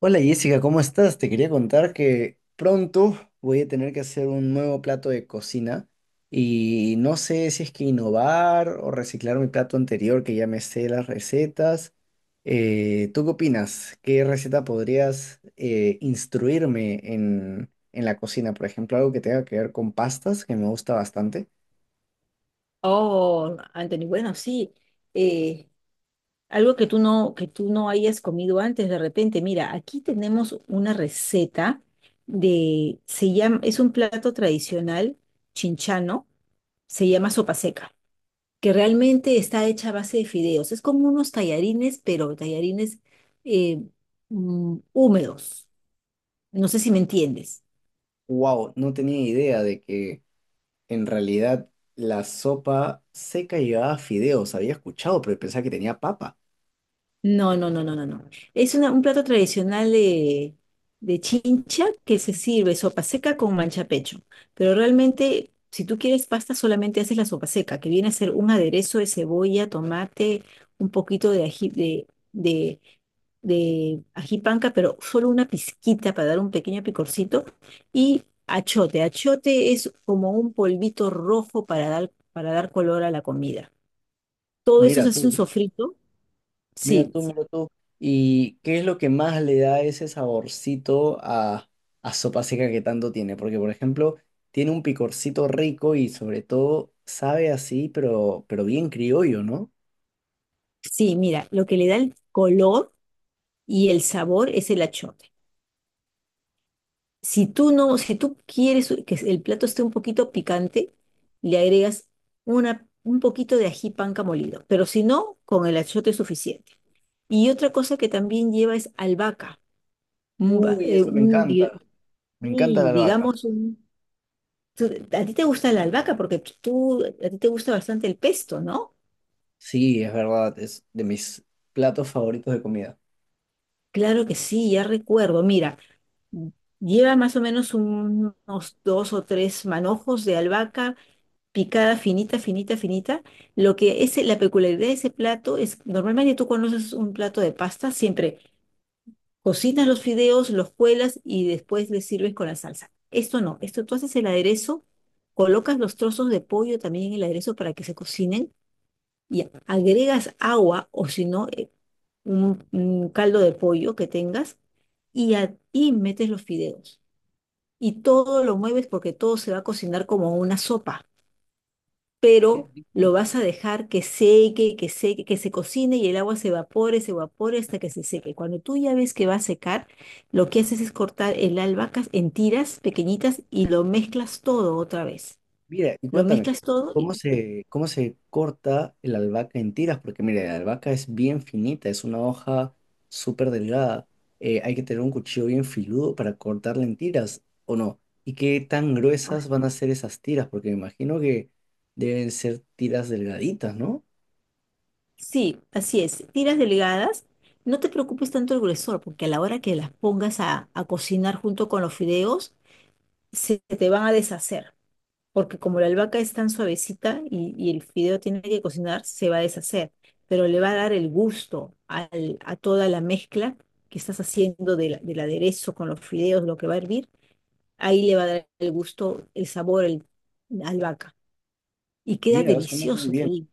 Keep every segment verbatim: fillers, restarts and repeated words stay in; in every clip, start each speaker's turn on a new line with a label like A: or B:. A: Hola Jessica, ¿cómo estás? Te quería contar que pronto voy a tener que hacer un nuevo plato de cocina y no sé si es que innovar o reciclar mi plato anterior que ya me sé las recetas. Eh, ¿tú qué opinas? ¿Qué receta podrías eh, instruirme en, en la cocina? Por ejemplo, algo que tenga que ver con pastas, que me gusta bastante.
B: Oh, Anthony, bueno, sí. eh, Algo que tú no, que tú no hayas comido antes de repente. Mira, aquí tenemos una receta de, se llama, es un plato tradicional chinchano, se llama sopa seca, que realmente está hecha a base de fideos. Es como unos tallarines, pero tallarines eh, mm, húmedos. No sé si me entiendes.
A: Wow, no tenía idea de que en realidad la sopa seca llevaba fideos. Había escuchado, pero pensaba que tenía papa.
B: No, no, no, no, no, no. Es una- un plato tradicional de, de Chincha que se sirve sopa seca con mancha pecho. Pero realmente, si tú quieres pasta, solamente haces la sopa seca, que viene a ser un aderezo de cebolla, tomate, un poquito de ají, de, de, de ají panca, pero solo una pizquita para dar un pequeño picorcito. Y achote. Achote es como un polvito rojo para dar, para dar color a la comida. Todo eso
A: Mira
B: se hace un
A: tú,
B: sofrito.
A: mira
B: Sí.
A: tú, mira tú. ¿Y qué es lo que más le da ese saborcito a, a sopa seca que tanto tiene? Porque, por ejemplo, tiene un picorcito rico y sobre todo sabe así, pero, pero bien criollo, ¿no?
B: Sí, mira, lo que le da el color y el sabor es el achote. Si tú no, si tú quieres que el plato esté un poquito picante, le agregas una, un poquito de ají panca molido, pero si no, con el achote es suficiente. Y otra cosa que también lleva es albahaca. Un, ba-
A: Uy,
B: eh,
A: eso me
B: un di-
A: encanta. Me encanta la
B: Y
A: albahaca.
B: digamos, un- tú- a ti te gusta la albahaca porque tú, a ti te gusta bastante el pesto, ¿no?
A: Sí, es verdad, es de mis platos favoritos de comida.
B: Claro que sí, ya recuerdo. Mira. Lleva más o menos un- unos dos o tres manojos de albahaca picada finita, finita, finita. Lo que es la peculiaridad de ese plato es, normalmente tú conoces un plato de pasta, siempre cocinas los fideos, los cuelas y después les sirves con la salsa. Esto no, esto tú haces el aderezo, colocas los trozos de pollo también en el aderezo para que se cocinen y agregas agua o si no, eh, un, un caldo de pollo que tengas y, a- y metes los fideos y todo lo mueves porque todo se va a cocinar como una sopa,
A: Qué
B: pero
A: rico.
B: lo vas a dejar que seque, que seque, que se cocine y el agua se evapore, se evapore hasta que se seque. Cuando tú ya ves que va a secar, lo que haces es cortar el albahaca en tiras pequeñitas y lo mezclas todo otra vez.
A: Mira, y
B: Lo
A: cuéntame,
B: mezclas todo
A: ¿cómo
B: y
A: se, cómo se corta el albahaca en tiras? Porque mira, la albahaca es bien finita, es una hoja súper delgada. Eh, hay que tener un cuchillo bien filudo para cortarla en tiras, ¿o no? ¿Y qué tan gruesas van a ser esas tiras? Porque me imagino que deben ser tiras delgaditas, ¿no?
B: sí, así es, tiras delgadas. No te preocupes tanto el gruesor, porque a la hora que las pongas a, a cocinar junto con los fideos, se te van a deshacer. Porque como la albahaca es tan suavecita y, y el fideo tiene que cocinar, se va a deshacer, pero le va a dar el gusto al- a toda la mezcla que estás haciendo de la- del aderezo con los fideos, lo que va a hervir, ahí le va a dar el gusto, el sabor, el, la albahaca. Y queda
A: Mira, suena muy
B: delicioso, te
A: bien,
B: digo.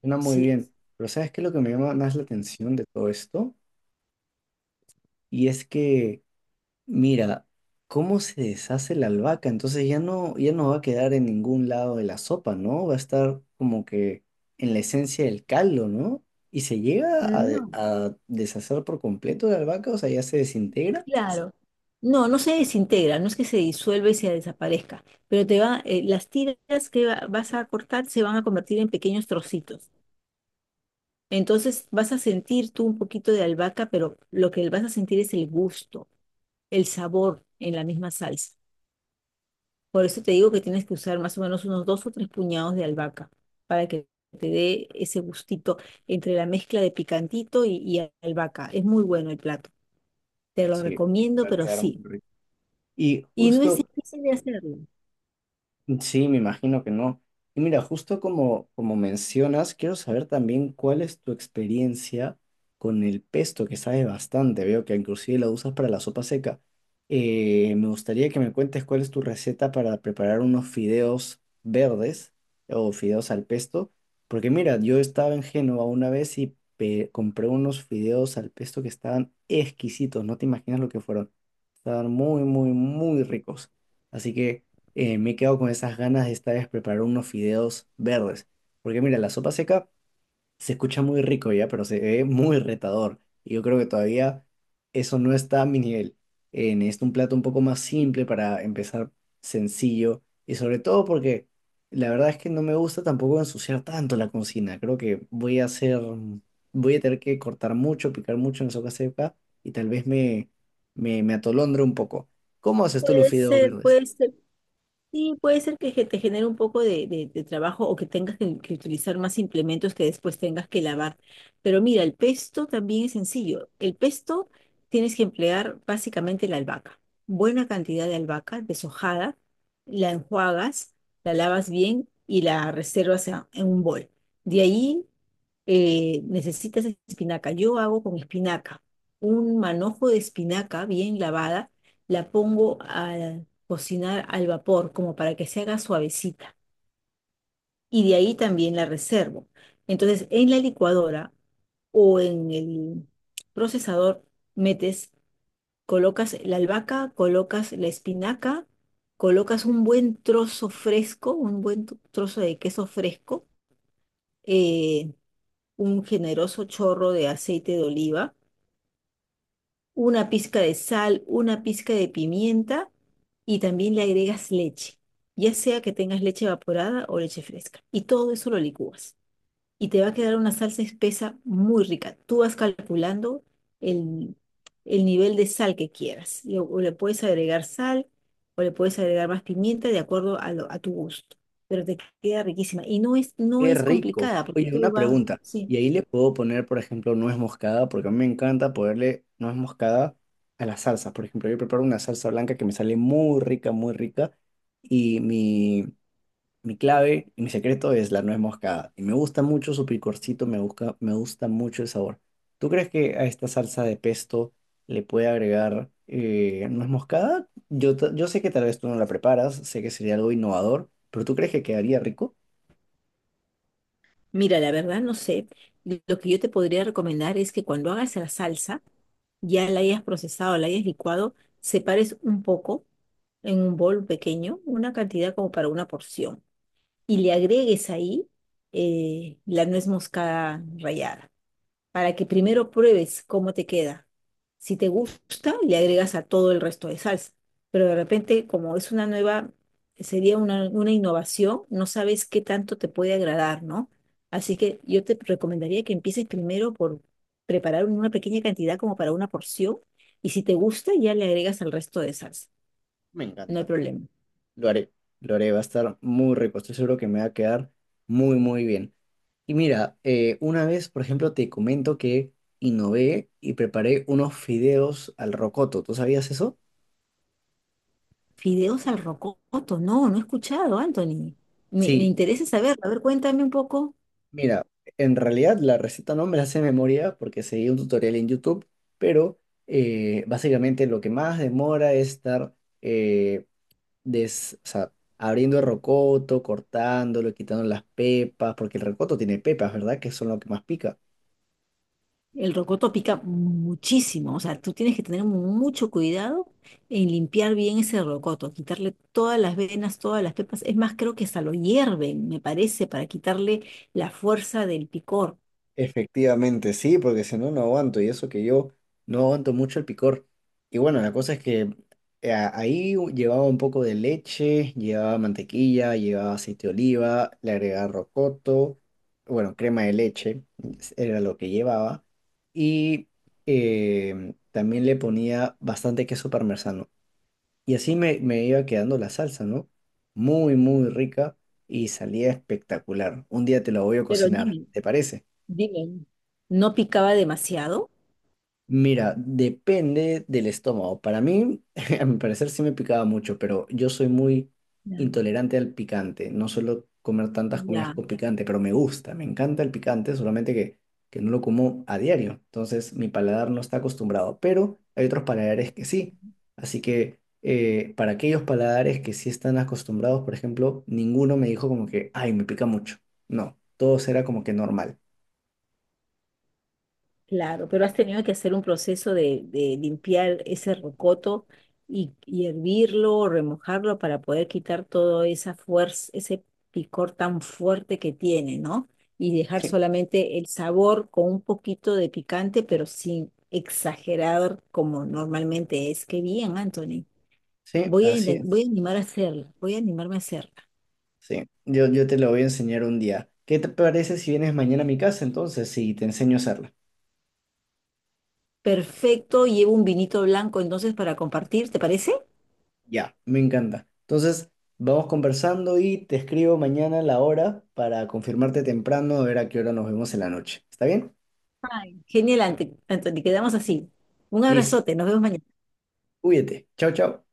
A: suena muy
B: Sí.
A: bien. Pero ¿sabes qué es lo que me llama más la atención de todo esto? Y es que mira, cómo se deshace la albahaca, entonces ya no, ya no va a quedar en ningún lado de la sopa, ¿no? Va a estar como que en la esencia del caldo, ¿no? ¿Y se llega a, de-
B: No,
A: a deshacer por completo la albahaca? O sea, ya se desintegra.
B: claro. No, no se desintegra, no es que se disuelva y se desaparezca, pero te va, eh, las tiras que va- vas a cortar se van a convertir en pequeños trocitos. Entonces vas a sentir tú un poquito de albahaca, pero lo que vas a sentir es el gusto, el sabor en la misma salsa. Por eso te digo que tienes que usar más o menos unos dos o tres puñados de albahaca para que te dé ese gustito entre la mezcla de picantito y, y albahaca. Es muy bueno el plato. Te lo
A: Sí,
B: recomiendo,
A: va a
B: pero
A: quedar muy
B: sí.
A: rico. Y
B: Y no es
A: justo
B: difícil de hacerlo.
A: sí, me imagino que no. Y mira, justo como, como mencionas, quiero saber también cuál es tu experiencia con el pesto, que sabe bastante. Veo que inclusive lo usas para la sopa seca. Eh, me gustaría que me cuentes cuál es tu receta para preparar unos fideos verdes o fideos al pesto. Porque mira, yo estaba en Génova una vez y pe- compré unos fideos al pesto que estaban exquisitos. No te imaginas lo que fueron. Estaban muy, muy, muy ricos. Así que eh, me he quedado con esas ganas de esta vez preparar unos fideos verdes. Porque mira, la sopa seca se escucha muy rico ya, pero se ve muy retador. Y yo creo que todavía eso no está a mi nivel. Eh, necesito un plato un poco más simple para empezar sencillo. Y sobre todo porque la verdad es que no me gusta tampoco ensuciar tanto la cocina. Creo que voy a hacer, voy a tener que cortar mucho, picar mucho en sopa seca y tal vez me, me, me atolondre un poco. ¿Cómo haces tú los
B: Puede
A: fideos
B: ser,
A: verdes?
B: puede ser. Sí, puede ser que ge- te genere un poco de, de- de trabajo o que tengas que, que utilizar más implementos que después tengas que lavar. Pero mira, el pesto también es sencillo. El pesto tienes que emplear básicamente la albahaca. Buena cantidad de albahaca deshojada, la enjuagas, la lavas bien y la reservas en en un bol. De ahí eh, necesitas espinaca. Yo hago con espinaca. Un manojo de espinaca bien lavada, la pongo a cocinar al vapor como para que se haga suavecita. Y de ahí también la reservo. Entonces, en la licuadora o en el procesador metes, colocas la albahaca, colocas la espinaca, colocas un buen trozo fresco, un buen tu- trozo de queso fresco, eh, un generoso chorro de aceite de oliva, una pizca de sal, una pizca de pimienta y también le agregas leche, ya sea que tengas leche evaporada o leche fresca. Y todo eso lo licúas y te va a quedar una salsa espesa muy rica. Tú vas calculando el, el nivel de sal que quieras. Y O o le puedes agregar sal o le puedes agregar más pimienta de acuerdo a, lo- a tu gusto. Pero te queda riquísima. Y no es, no
A: Qué
B: es
A: rico.
B: complicada porque
A: Oye, una
B: todo va,
A: pregunta.
B: sí.
A: Y ahí le puedo poner, por ejemplo, nuez moscada, porque a mí me encanta ponerle nuez moscada a las salsas. Por ejemplo, yo preparo una salsa blanca que me sale muy rica, muy rica. Y mi, mi clave y mi secreto es la nuez moscada. Y me gusta mucho su picorcito, me gusta, me gusta mucho el sabor. ¿Tú crees que a esta salsa de pesto le puede agregar eh, nuez moscada? Yo, ta- yo sé que tal vez tú no la preparas, sé que sería algo innovador, pero ¿tú crees que quedaría rico?
B: Mira, la verdad no sé. Lo que yo te podría recomendar es que cuando hagas la salsa, ya la hayas procesado, la hayas licuado, separes un poco en un bol pequeño, una cantidad como para una porción, y le agregues ahí eh, la nuez moscada rallada para que primero pruebes cómo te queda. Si te gusta, le agregas a todo el resto de salsa. Pero de repente, como es una nueva, sería una, una innovación, no sabes qué tanto te puede agradar, ¿no? Así que yo te recomendaría que empieces primero por preparar una pequeña cantidad como para una porción y si te gusta ya le agregas al resto de salsa.
A: Me
B: No hay
A: encanta.
B: problema.
A: Lo haré, lo haré, va a estar muy rico, estoy seguro que me va a quedar muy, muy bien. Y mira, eh, una vez, por ejemplo, te comento que innové y preparé unos fideos al rocoto, ¿tú sabías eso?
B: Fideos al rocoto, no, no he escuchado, Anthony. Me, me
A: Sí,
B: interesa saber, a ver, cuéntame un poco.
A: mira, en realidad la receta no me la sé de memoria porque seguí un tutorial en YouTube, pero eh, básicamente lo que más demora es estar eh, des- o sea, abriendo el rocoto, cortándolo, quitando las pepas, porque el rocoto tiene pepas, ¿verdad? Que son lo que más pica.
B: El rocoto pica muchísimo, o sea, tú tienes que tener mucho cuidado en limpiar bien ese rocoto, quitarle todas las venas, todas las pepas. Es más, creo que hasta lo hierven, me parece, para quitarle la fuerza del picor.
A: Efectivamente, sí, porque si no, no aguanto. Y eso que yo no aguanto mucho el picor. Y bueno, la cosa es que eh, ahí llevaba un poco de leche, llevaba mantequilla, llevaba aceite de oliva, le agregaba rocoto, bueno, crema de leche, era lo que llevaba. Y eh, también le ponía bastante queso parmesano. Y así me, me iba quedando la salsa, ¿no? Muy, muy rica y salía espectacular. Un día te lo voy a
B: Pero
A: cocinar,
B: dime,
A: ¿te parece?
B: dime, ¿no picaba demasiado?
A: Mira, depende del estómago. Para mí, a mi parecer sí me picaba mucho, pero yo soy muy
B: Ya.
A: intolerante al picante. No suelo comer tantas comidas
B: Ya.
A: con picante, pero me gusta, me encanta el picante, solamente que, que no lo como a diario. Entonces mi paladar no está acostumbrado, pero hay otros paladares que sí. Así que eh, para aquellos paladares que sí están acostumbrados, por ejemplo, ninguno me dijo como que, ay, me pica mucho. No, todo era como que normal.
B: Claro, pero has tenido que hacer un proceso de, de limpiar ese rocoto y, y hervirlo o remojarlo para poder quitar toda esa fuerza, ese picor tan fuerte que tiene, ¿no? Y dejar
A: Sí,
B: solamente el sabor con un poquito de picante, pero sin exagerar como normalmente es. Qué bien, Anthony.
A: sí,
B: Voy a,
A: así
B: inten- voy
A: es.
B: a animar a hacerla, voy a animarme a hacerla.
A: Sí, yo, yo te lo voy a enseñar un día. ¿Qué te parece si vienes mañana a mi casa entonces? Sí, te enseño a hacerla.
B: Perfecto, llevo un vinito blanco entonces para compartir, ¿te parece?
A: Ya, me encanta. Entonces, vamos conversando y te escribo mañana la hora para confirmarte temprano, a ver a qué hora nos vemos en la noche. ¿Está bien?
B: Genial, Ante- Anthony. Quedamos así. Un
A: Listo.
B: abrazote. Nos vemos mañana.
A: Cuídate. Chao, chao.